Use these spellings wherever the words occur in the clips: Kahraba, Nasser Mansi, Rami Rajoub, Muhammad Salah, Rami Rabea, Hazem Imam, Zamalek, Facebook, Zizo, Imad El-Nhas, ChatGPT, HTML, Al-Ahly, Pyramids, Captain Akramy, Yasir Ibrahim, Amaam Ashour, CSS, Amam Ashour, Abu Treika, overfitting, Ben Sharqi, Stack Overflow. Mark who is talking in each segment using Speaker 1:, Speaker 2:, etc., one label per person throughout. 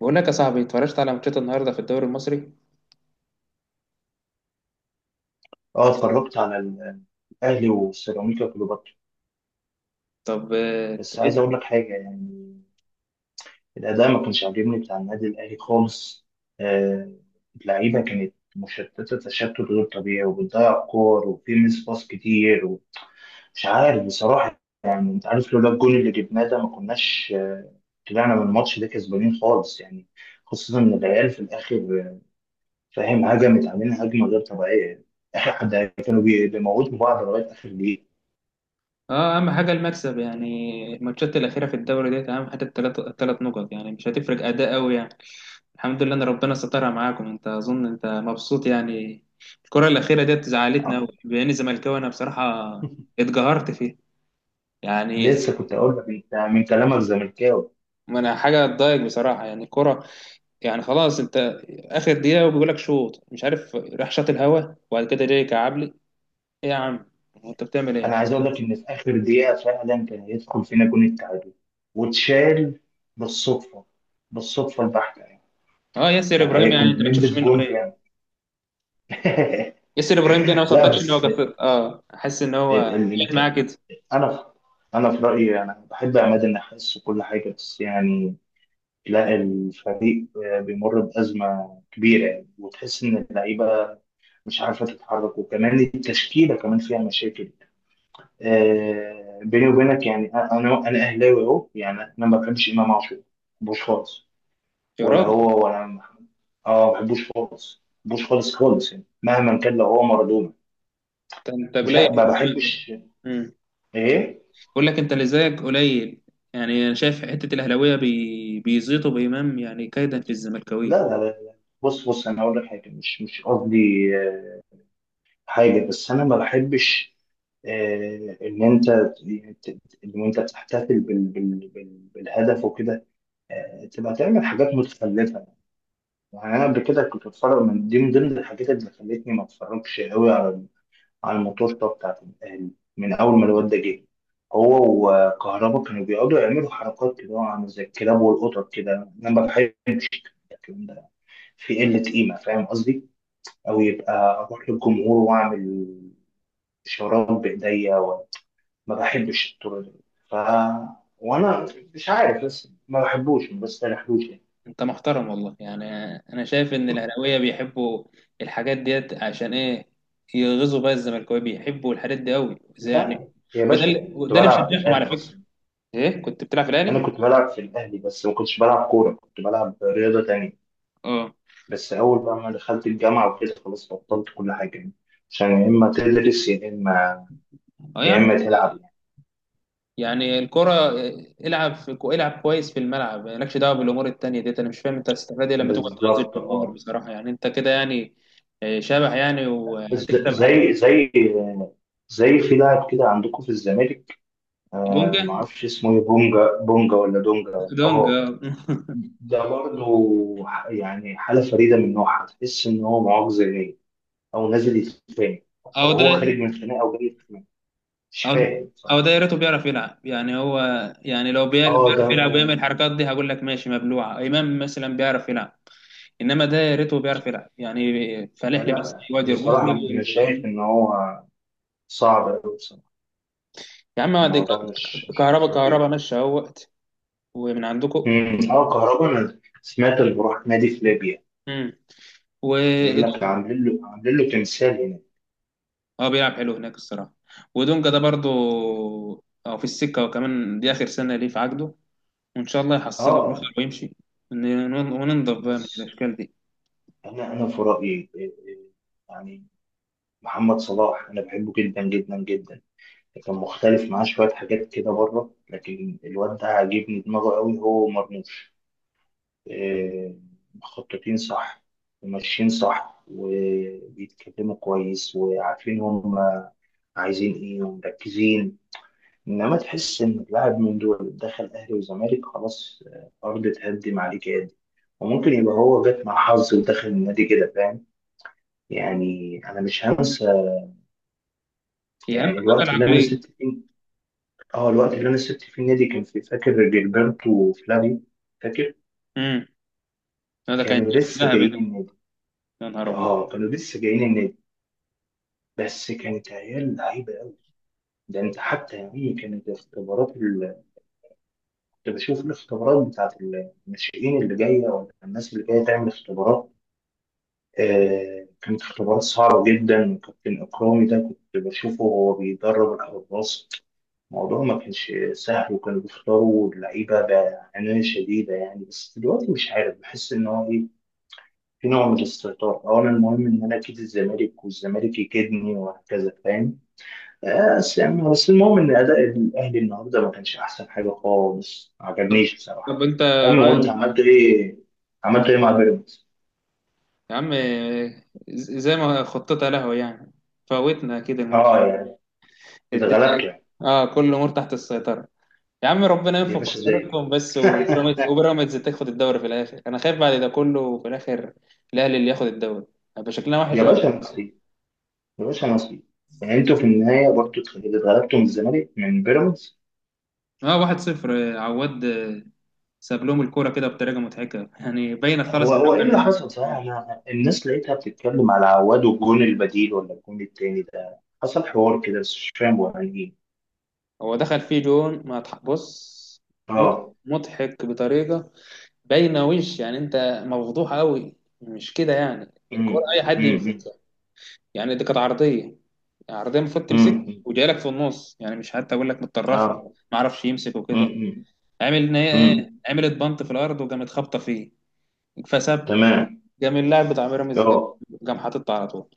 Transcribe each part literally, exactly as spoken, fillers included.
Speaker 1: بقول لك يا صاحبي اتفرجت على ماتشات النهارده في الدوري المصري.
Speaker 2: اه اتفرجت على ال- الاهلي وسيراميكا كليوباترا.
Speaker 1: طب اه
Speaker 2: بس عايز
Speaker 1: إيه؟
Speaker 2: اقول لك حاجه يعني الاداء ما كانش عاجبني بتاع النادي الاهلي خالص. آه، اللعيبه كانت مشتته، تشتت غير طبيعي، وبتضيع كور وفي ميس باص كتير ومش عارف بصراحه. يعني انت عارف لولا الجول اللي جبناه ده ما كناش، آه، طلعنا من الماتش ده كسبانين خالص يعني. خصوصا ان العيال في الاخر، آه، فاهم، هجمت علينا هجمه غير طبيعيه. اخر حد كانوا بي- بيموتوا بعض لغايه اخر دقيقه.
Speaker 1: آه، اهم حاجه المكسب يعني. الماتشات الاخيره في الدوري ديت اهم حاجه، الثلاث الثلاث نقط يعني، مش هتفرق اداء قوي يعني. الحمد لله ان ربنا سترها معاكم، انت اظن انت مبسوط يعني. الكره الاخيره ديت زعلتنا قوي،
Speaker 2: اه.
Speaker 1: باني زملكاوي انا بصراحه، اتقهرت فيها يعني.
Speaker 2: لسه كنت اقول لك انت من كلامك زملكاوي.
Speaker 1: ما انا حاجه تضايق بصراحه يعني الكره، يعني خلاص انت، اخر دقيقه وبيقول لك شوط مش عارف راح شاط الهوا وبعد كده جاي كعبلي. ايه يا عم، هو انت بتعمل ايه؟
Speaker 2: انا عايز اقول لك ان في اخر دقيقه فعلا كان هيدخل فينا جون التعادل واتشال بالصدفه، بالصدفه البحته يعني.
Speaker 1: اه ياسر
Speaker 2: كان
Speaker 1: ابراهيم،
Speaker 2: هي
Speaker 1: يعني
Speaker 2: كنا
Speaker 1: انت ما تشوفش
Speaker 2: بنلبس
Speaker 1: منه
Speaker 2: جون
Speaker 1: خير.
Speaker 2: فعلا.
Speaker 1: ياسر ابراهيم ده انا ما
Speaker 2: لا
Speaker 1: صدقش ان هو
Speaker 2: بس ال
Speaker 1: جفت، اه احس ان هو
Speaker 2: ال
Speaker 1: جاي معاه
Speaker 2: الت-
Speaker 1: كده.
Speaker 2: انا في انا في رايي، انا بحب عماد النحاس وكل حاجه، بس يعني لا، الفريق بيمر بازمه كبيره يعني، وتحس ان اللعيبه مش عارفه تتحرك، وكمان التشكيله كمان فيها مشاكل. آه، بيني وبينك يعني انا انا اهلاوي اهو، يعني انا ما بحبش امام عاشور، ما بحبوش خالص،
Speaker 1: يا
Speaker 2: ولا
Speaker 1: راجل،
Speaker 2: هو ولا أنا. اه ما بحبوش خالص، ما بحبوش خالص خالص، يعني مهما كان لو هو مارادونا
Speaker 1: انت انت
Speaker 2: مش
Speaker 1: قليل
Speaker 2: ه-
Speaker 1: في
Speaker 2: ما
Speaker 1: الزمن ده.
Speaker 2: بحبش.
Speaker 1: امم
Speaker 2: ايه
Speaker 1: بقول لك انت اللي زيك قليل. يعني انا شايف حته الاهلاويه بي... بيزيطوا بامام يعني، كيدا في
Speaker 2: لا
Speaker 1: الزملكاويه.
Speaker 2: لا لا لا. بص بص، انا اقول لك حاجه، مش مش قصدي، آه، حاجه، بس انا ما بحبش، آه، ان انت ان انت بتحتفل بال- بال- بال- بالهدف وكده، آه، تبقى تعمل حاجات متخلفه. يعني انا قبل كده كنت بتفرج من دي، من ضمن الحاجات اللي خلتني ما اتفرجش قوي على على الماتشات بتاعت الاهلي. من اول ما الواد ده جه هو وكهربا كانوا بيقعدوا يعملوا حركات كده، عامل زي الكلاب والقطط كده. انا ما بحبش الكلام ده، في قله قيمه، فاهم قصدي؟ او يبقى اروح للجمهور واعمل اشارات بايديا و-، ما بحبش الطرق دي. ف وانا مش عارف، بس ما بحبوش، ما بستريحلوش يعني.
Speaker 1: انت محترم والله يعني، انا شايف ان الاهلاويه بيحبوا الحاجات ديت عشان ايه؟ يغيظوا بقى الزملكاويه، بيحبوا الحاجات دي قوي زي يعني.
Speaker 2: لا يا
Speaker 1: وده
Speaker 2: باشا،
Speaker 1: اللي
Speaker 2: كنت
Speaker 1: وده اللي
Speaker 2: بلعب في
Speaker 1: مشجعهم على
Speaker 2: الاهلي
Speaker 1: فكره.
Speaker 2: اصلا.
Speaker 1: ايه، كنت بتلعب في الاهلي؟
Speaker 2: انا كنت بلعب في الاهلي، بس ما كنتش بلعب كوره، كنت بلعب رياضه تانية.
Speaker 1: اه.
Speaker 2: بس اول بقى ما دخلت الجامعه وكده خلاص بطلت كل حاجه يعني، عشان يا اما تدرس يا اما،
Speaker 1: اه يا
Speaker 2: يا
Speaker 1: عم،
Speaker 2: اما تلعب يعني.
Speaker 1: يعني الكرة، العب في، العب كويس في الملعب، مالكش دعوة بالأمور التانية ديت. أنا مش فاهم أنت هتستفاد إيه لما تقعد تغازل
Speaker 2: بالظبط
Speaker 1: الجمهور
Speaker 2: اه.
Speaker 1: بصراحة يعني، أنت كده يعني آه، شبح يعني.
Speaker 2: ز-
Speaker 1: وهتكسب
Speaker 2: زي زي زي في لاعب كده عندكم في الزمالك، آه،
Speaker 1: دونجا
Speaker 2: ما اعرفش اسمه ايه، بونجا بونجا، ولا دونجا؟
Speaker 1: دونجا.
Speaker 2: اه ده برضه ح- يعني حاله فريده من نوعها، تحس ان هو معاق، زي او نازل يتخانق،
Speaker 1: أو
Speaker 2: او هو
Speaker 1: ده،
Speaker 2: خارج من خناقه او جاي يتخانق، مش
Speaker 1: أو ده،
Speaker 2: فاهم
Speaker 1: أو
Speaker 2: بصراحه.
Speaker 1: ده يا ريته بيعرف يلعب يعني هو. يعني لو بيعرف
Speaker 2: اه
Speaker 1: بيعرف يلعب ويعمل الحركات دي هقول لك ماشي، مبلوعة إمام مثلا بيعرف يلعب. إنما ده يا ريته بيعرف يلعب يعني، فالح
Speaker 2: ده
Speaker 1: لي بس
Speaker 2: لا
Speaker 1: يقعد
Speaker 2: بصراحة
Speaker 1: يربطني.
Speaker 2: أنا شايف إن هو صعب أوي بصراحة،
Speaker 1: يا عم دي
Speaker 2: الموضوع مش مش مش
Speaker 1: كهربا،
Speaker 2: لطيف.
Speaker 1: كهربا ماشي أهوت ومن عندكم
Speaker 2: أمم، اه كهربا أنا سمعت اللي بروح نادي في ليبيا، بيقول
Speaker 1: وإيدونجا.
Speaker 2: لك عاملين له، عاملين له تمثال هنا.
Speaker 1: اه بيلعب حلو هناك الصراحة. وإيدونجا ده برضو، اه في السكة، وكمان دي آخر سنة ليه في عقده، وإن شاء الله
Speaker 2: اه
Speaker 1: يحصله ويخلص
Speaker 2: آه.
Speaker 1: ويمشي ون- وننضف بقى من
Speaker 2: بص،
Speaker 1: الأشكال دي.
Speaker 2: أنا أنا في رأيي إيه، إيه، يعني محمد صلاح أنا بحبه جدا جدا جدا، كان مختلف معاه شوية حاجات كده بره، لكن الواد ده عاجبني دماغه أوي، هو مرموش، آه، مخططين صح وماشيين صح، وبيتكلموا كويس، وعارفين هم عايزين ايه، ومركزين. انما تحس ان اللاعب من دول دخل اهلي وزمالك خلاص، آه، الارض تهدم عليه كده، وممكن يبقى هو جت مع حظ ودخل النادي كده، فاهم يعني. انا مش هنسى
Speaker 1: هي أهم
Speaker 2: يعني
Speaker 1: حاجة
Speaker 2: الوقت اللي انا
Speaker 1: العقلية.
Speaker 2: سبت فيه، اه الوقت اللي انا سبت فيه النادي، كان في، فاكر جilberto وفلافيو؟ فاكر
Speaker 1: امم، لا ده كان
Speaker 2: كانوا لسه
Speaker 1: ذهبي
Speaker 2: جايين
Speaker 1: ده،
Speaker 2: النادي.
Speaker 1: يا نهار أبيض.
Speaker 2: اه كانوا لسه جايين النادي، بس كانت عيال لعيبه قوي. ده انت حتى يعني كانت الاختبارات اللي كنت بشوف الاختبارات بتاعت الناشئين اللي جايه، ولا الناس اللي جايه تعمل اختبارات، آه، كانت اختبارات صعبه جدا. كابتن اكرامي ده كنت بشوفه وهو بيدرب الحراس، الموضوع ما كانش سهل، وكانوا بيختاروا اللعيبه بعنايه شديده يعني. بس دلوقتي مش عارف، بحس ان هو ايه، في نوع من الاستهتار، او انا المهم ان انا اكيد الزمالك والزمالك يكيدني وهكذا، فاهم؟ بس يعني، بس المهم ان اداء الاهلي النهارده ما كانش احسن حاجه خالص، ما
Speaker 1: طب
Speaker 2: عجبنيش
Speaker 1: طب
Speaker 2: بصراحه.
Speaker 1: أنت
Speaker 2: المهم،
Speaker 1: رأيك؟
Speaker 2: وانت عملت ايه؟ عملت ايه مع بيراميدز؟
Speaker 1: يا عم ز- زي ما خطتها لهوي يعني، فوتنا أكيد الماتش،
Speaker 2: اه يعني اذا
Speaker 1: الدنيا.
Speaker 2: غلبت يعني.
Speaker 1: اه كل الأمور تحت السيطرة. يا عم ربنا
Speaker 2: يا
Speaker 1: ينفع
Speaker 2: باشا زي.
Speaker 1: خسارتكم بس، وبيراميدز وبيراميدز تاخد الدوري في الاخر، انا خايف بعد ده كله في الاخر الاهلي اللي ياخد الدوري، هيبقى شكلنا
Speaker 2: يا
Speaker 1: وحش قوي.
Speaker 2: باشا نصيب، يا باشا نصيب، يعني انتوا في النهايه برضه اتغلبتوا من الزمالك، من بيراميدز.
Speaker 1: اه واحد صفر عواد، آه، ساب لهم الكوره كده بطريقه مضحكه يعني، باينه خلاص
Speaker 2: هو
Speaker 1: انه
Speaker 2: هو ايه اللي
Speaker 1: كان.
Speaker 2: حصل صحيح؟ انا الناس لقيتها بتتكلم على عواد والجون البديل، ولا الجون التاني ده حصل حوار كده، بس مش فاهم هو عن ايه.
Speaker 1: هو دخل فيه جون ما تح- بص، مض-
Speaker 2: اه.
Speaker 1: مضحك بطريقه باينه وش يعني، انت مفضوح قوي مش كده يعني؟ الكوره
Speaker 2: امم
Speaker 1: اي حد
Speaker 2: امم
Speaker 1: يمسكها يعني، دي كانت عرضيه، العرضيه المفروض
Speaker 2: امم
Speaker 1: تمسك
Speaker 2: امم
Speaker 1: وجاي لك في النص يعني، مش حتى اقول لك متطرفه.
Speaker 2: اه
Speaker 1: ما عرفش يمسك وكده،
Speaker 2: امم
Speaker 1: عامل ان هي ايه،
Speaker 2: امم
Speaker 1: عملت بنط في الارض وقامت خابطه فيه، فسب.
Speaker 2: تمام
Speaker 1: قام اللاعب بتاع بيراميدز، قام
Speaker 2: اه.
Speaker 1: قام حاططها على طول.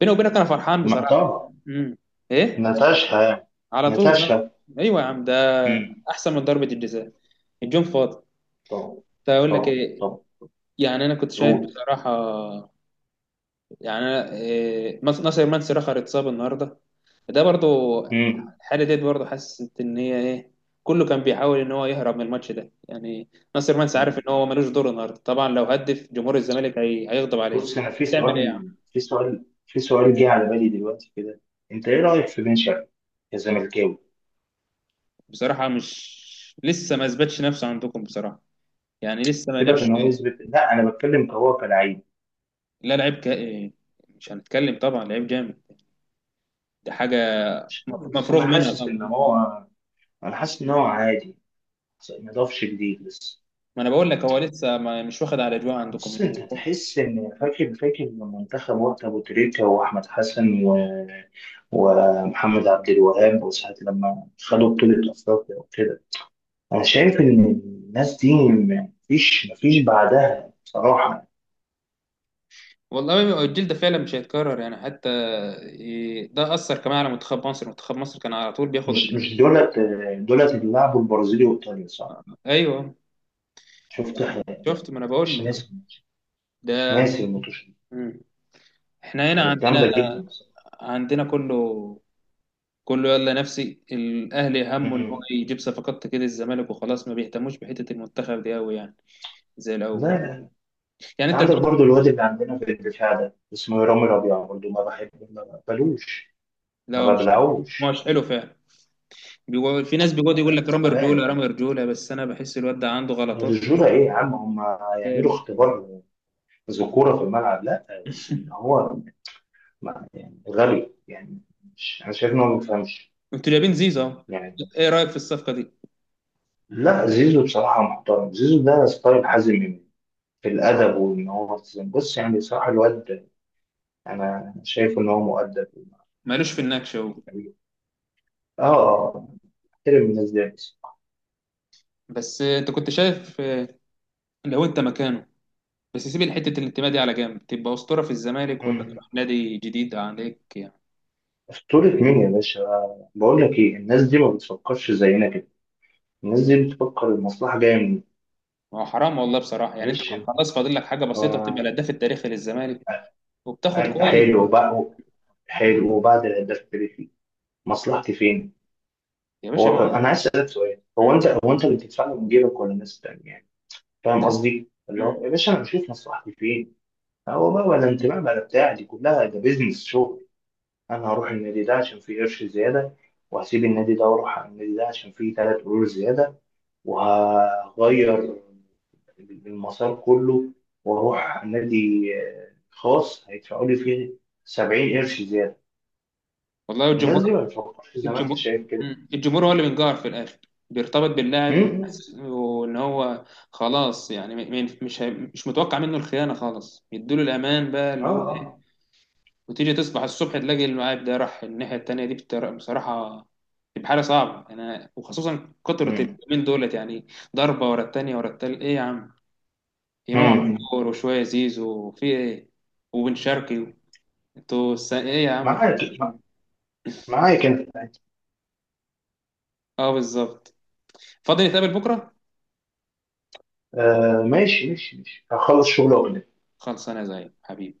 Speaker 1: بيني وبينك انا فرحان
Speaker 2: ما-
Speaker 1: بصراحه.
Speaker 2: طبعا
Speaker 1: امم ايه،
Speaker 2: ناتاشا يعني.
Speaker 1: على طول أنا.
Speaker 2: ناتاشا.
Speaker 1: ايوه يا عم، ده
Speaker 2: امم.
Speaker 1: احسن من ضربه الجزاء، الجون فاضي.
Speaker 2: طبعا
Speaker 1: كنت اقول لك
Speaker 2: طبعا
Speaker 1: ايه؟
Speaker 2: طبعا.
Speaker 1: يعني انا كنت شايف
Speaker 2: قول.
Speaker 1: بصراحه، يعني أنا إيه، مس- ناصر منسي رخر اتصاب النهارده، ده برضو
Speaker 2: امم.
Speaker 1: الحاله ديت برضو، حاسس ان هي ايه، كله كان بيحاول ان هو يهرب من الماتش ده يعني. ناصر منسي عارف ان
Speaker 2: أمم.
Speaker 1: هو ملوش دور النهارده طبعا، لو هدف جمهور الزمالك هي... هيغضب عليه.
Speaker 2: بص، انا في
Speaker 1: تعمل ايه يعني؟
Speaker 2: سؤال، في سؤال في سؤال جه على بالي دلوقتي كده، انت ايه رايك في بن شرقي كزملكاوي؟
Speaker 1: بصراحه مش، لسه ما اثبتش نفسه عندكم بصراحه، يعني لسه ما
Speaker 2: سيبك
Speaker 1: جابش.
Speaker 2: ان هو يثبت، لا انا بتكلم كهو كلاعب.
Speaker 1: لا لعيب ك... إيه، مش هنتكلم طبعا، لعيب جامد ده، حاجه
Speaker 2: مش عارف، بس
Speaker 1: مفروغ
Speaker 2: انا
Speaker 1: منها
Speaker 2: حاسس ان
Speaker 1: طبعا.
Speaker 2: هو، انا حاسس ان هو عادي، ما ضافش جديد لسه.
Speaker 1: ما انا بقول لك هو لسه ما... مش واخد على اجواء عندكم
Speaker 2: بص،
Speaker 1: يعني
Speaker 2: انت
Speaker 1: هو.
Speaker 2: تحس ان، فاكر فاكر منتخب وقت ابو تريكه واحمد حسن و... ومحمد عبد الوهاب وساعه لما خدوا بطوله افريقيا وكده؟ انا شايف ان الناس دي مفيش مفيش بعدها بصراحه.
Speaker 1: والله الجيل ده فعلا مش هيتكرر يعني، حتى ي- ده أثر كمان على منتخب مصر، منتخب مصر كان على طول بياخد
Speaker 2: مش
Speaker 1: افريقيا.
Speaker 2: مش دولت، دولت اللي لعبوا البرازيل وايطاليا صح؟
Speaker 1: ايوه،
Speaker 2: شفت حاجة.
Speaker 1: شفت، ما انا بقول
Speaker 2: مش
Speaker 1: لك
Speaker 2: ناسي، مش
Speaker 1: ده.
Speaker 2: ناسي الماتش ده.
Speaker 1: مم. احنا هنا
Speaker 2: كانت
Speaker 1: عندنا،
Speaker 2: جامده جدا بصراحه.
Speaker 1: عندنا كله، كله يلا. نفسي الاهلي همه ان هو
Speaker 2: مم.
Speaker 1: يجيب صفقات كده الزمالك وخلاص، ما بيهتموش بحته المنتخب دي قوي يعني زي
Speaker 2: لا
Speaker 1: الاول.
Speaker 2: لا،
Speaker 1: يعني
Speaker 2: انت
Speaker 1: انت
Speaker 2: عندك
Speaker 1: دي،
Speaker 2: برضو الواد اللي عندنا في الدفاع ده اسمه رامي ربيعه، برضو ما بحبه، ما بقبلوش، ما
Speaker 1: لو مش،
Speaker 2: ببلعوش،
Speaker 1: مش حلو فعلا. بيقول في ناس بيقعد يقول لك رامي رجوله،
Speaker 2: تعبان.
Speaker 1: رامي رجوله، بس انا بحس الواد ده عنده غلطات
Speaker 2: الرجولة إيه يا عم؟ هم يعملوا
Speaker 1: كارثة.
Speaker 2: اختبار ذكورة في الملعب؟ لا بس إن هو، ما- يعني غبي يعني، مش، أنا شايف إن هو ما بيفهمش
Speaker 1: انتوا جايبين زيزو اهو.
Speaker 2: يعني.
Speaker 1: ايه رايك في الصفقه دي؟
Speaker 2: لا زيزو بصراحة محترم، زيزو ده ستايل حازم إمام في الأدب، وإن هو التزام. بص يعني بصراحة الواد أنا شايف إن هو مؤدب
Speaker 1: مالوش في النكش اهو.
Speaker 2: وجميل. آه آه احترم الناس دي بس.
Speaker 1: بس انت كنت شايف آه، لو انت مكانه، بس سيب حته الانتماء دي على جنب، تبقى اسطوره في الزمالك ولا
Speaker 2: مم.
Speaker 1: تروح نادي جديد عليك يعني؟
Speaker 2: أسطورة مين يا باشا؟ بقول لك إيه، الناس دي ما بتفكرش زينا كده، الناس دي بتفكر المصلحة جاية منين.
Speaker 1: ما هو حرام والله بصراحه يعني، انت كان
Speaker 2: معلش.
Speaker 1: خلاص فاضل لك حاجه بسيطه وتبقى
Speaker 2: هو
Speaker 1: الهداف التاريخي للزمالك وبتاخد كويس.
Speaker 2: حلو بقى، حلو، وبعد الهداف التاريخي مصلحتي فين؟
Speaker 1: يا باشا ما.
Speaker 2: هو انا عايز اسالك سؤال، هو
Speaker 1: مم.
Speaker 2: انت هو انت اللي بتدفع له من جيبك ولا الناس التانية يعني؟ فاهم
Speaker 1: ده.
Speaker 2: قصدي؟ اللي
Speaker 1: مم.
Speaker 2: هو يا باشا انا بشوف مصلحتي فين. هو بقى ولا انتماء ولا بتاع، دي كلها ده بيزنس شغل. انا هروح النادي ده عشان فيه قرش زياده، وهسيب النادي ده واروح على النادي ده عشان فيه ثلاث قرور زياده، وهغير المسار كله، واروح نادي خاص هيدفعوا لي فيه سبعين قرش زياده.
Speaker 1: والله
Speaker 2: الناس دي
Speaker 1: الجمهور،
Speaker 2: ما بتفكرش زي ما انت
Speaker 1: الجمهور.
Speaker 2: شايف كده.
Speaker 1: مم. الجمهور هو اللي بينقهر في الاخر، بيرتبط باللاعب
Speaker 2: امم.
Speaker 1: بحس- وان هو خلاص يعني م- م- مش هي- مش متوقع منه الخيانه خالص، يدوله الامان بقى
Speaker 2: اه
Speaker 1: اللي هو ايه،
Speaker 2: آه.
Speaker 1: وتيجي تصبح الصبح تلاقي اللاعب ده راح الناحيه التانيه دي بتر- بصراحه تبقى حاله صعبه، انا وخصوصا كتره
Speaker 2: امم
Speaker 1: اليومين دولت يعني. ضربه ورا التانيه ورا التالت، ايه يا عم؟ امام
Speaker 2: امم.
Speaker 1: عاشور وشويه زيزو في ايه، وبن شرقي، انتوا الس- ايه يا عم،
Speaker 2: معاك
Speaker 1: ارحمونا
Speaker 2: مع-
Speaker 1: شويه.
Speaker 2: معاك انت.
Speaker 1: اه بالظبط. فاضي نتقابل بكره؟
Speaker 2: آه ماشي ماشي ماشي، هخلص شغل واكلمك.
Speaker 1: خلص، انا زيك حبيبي.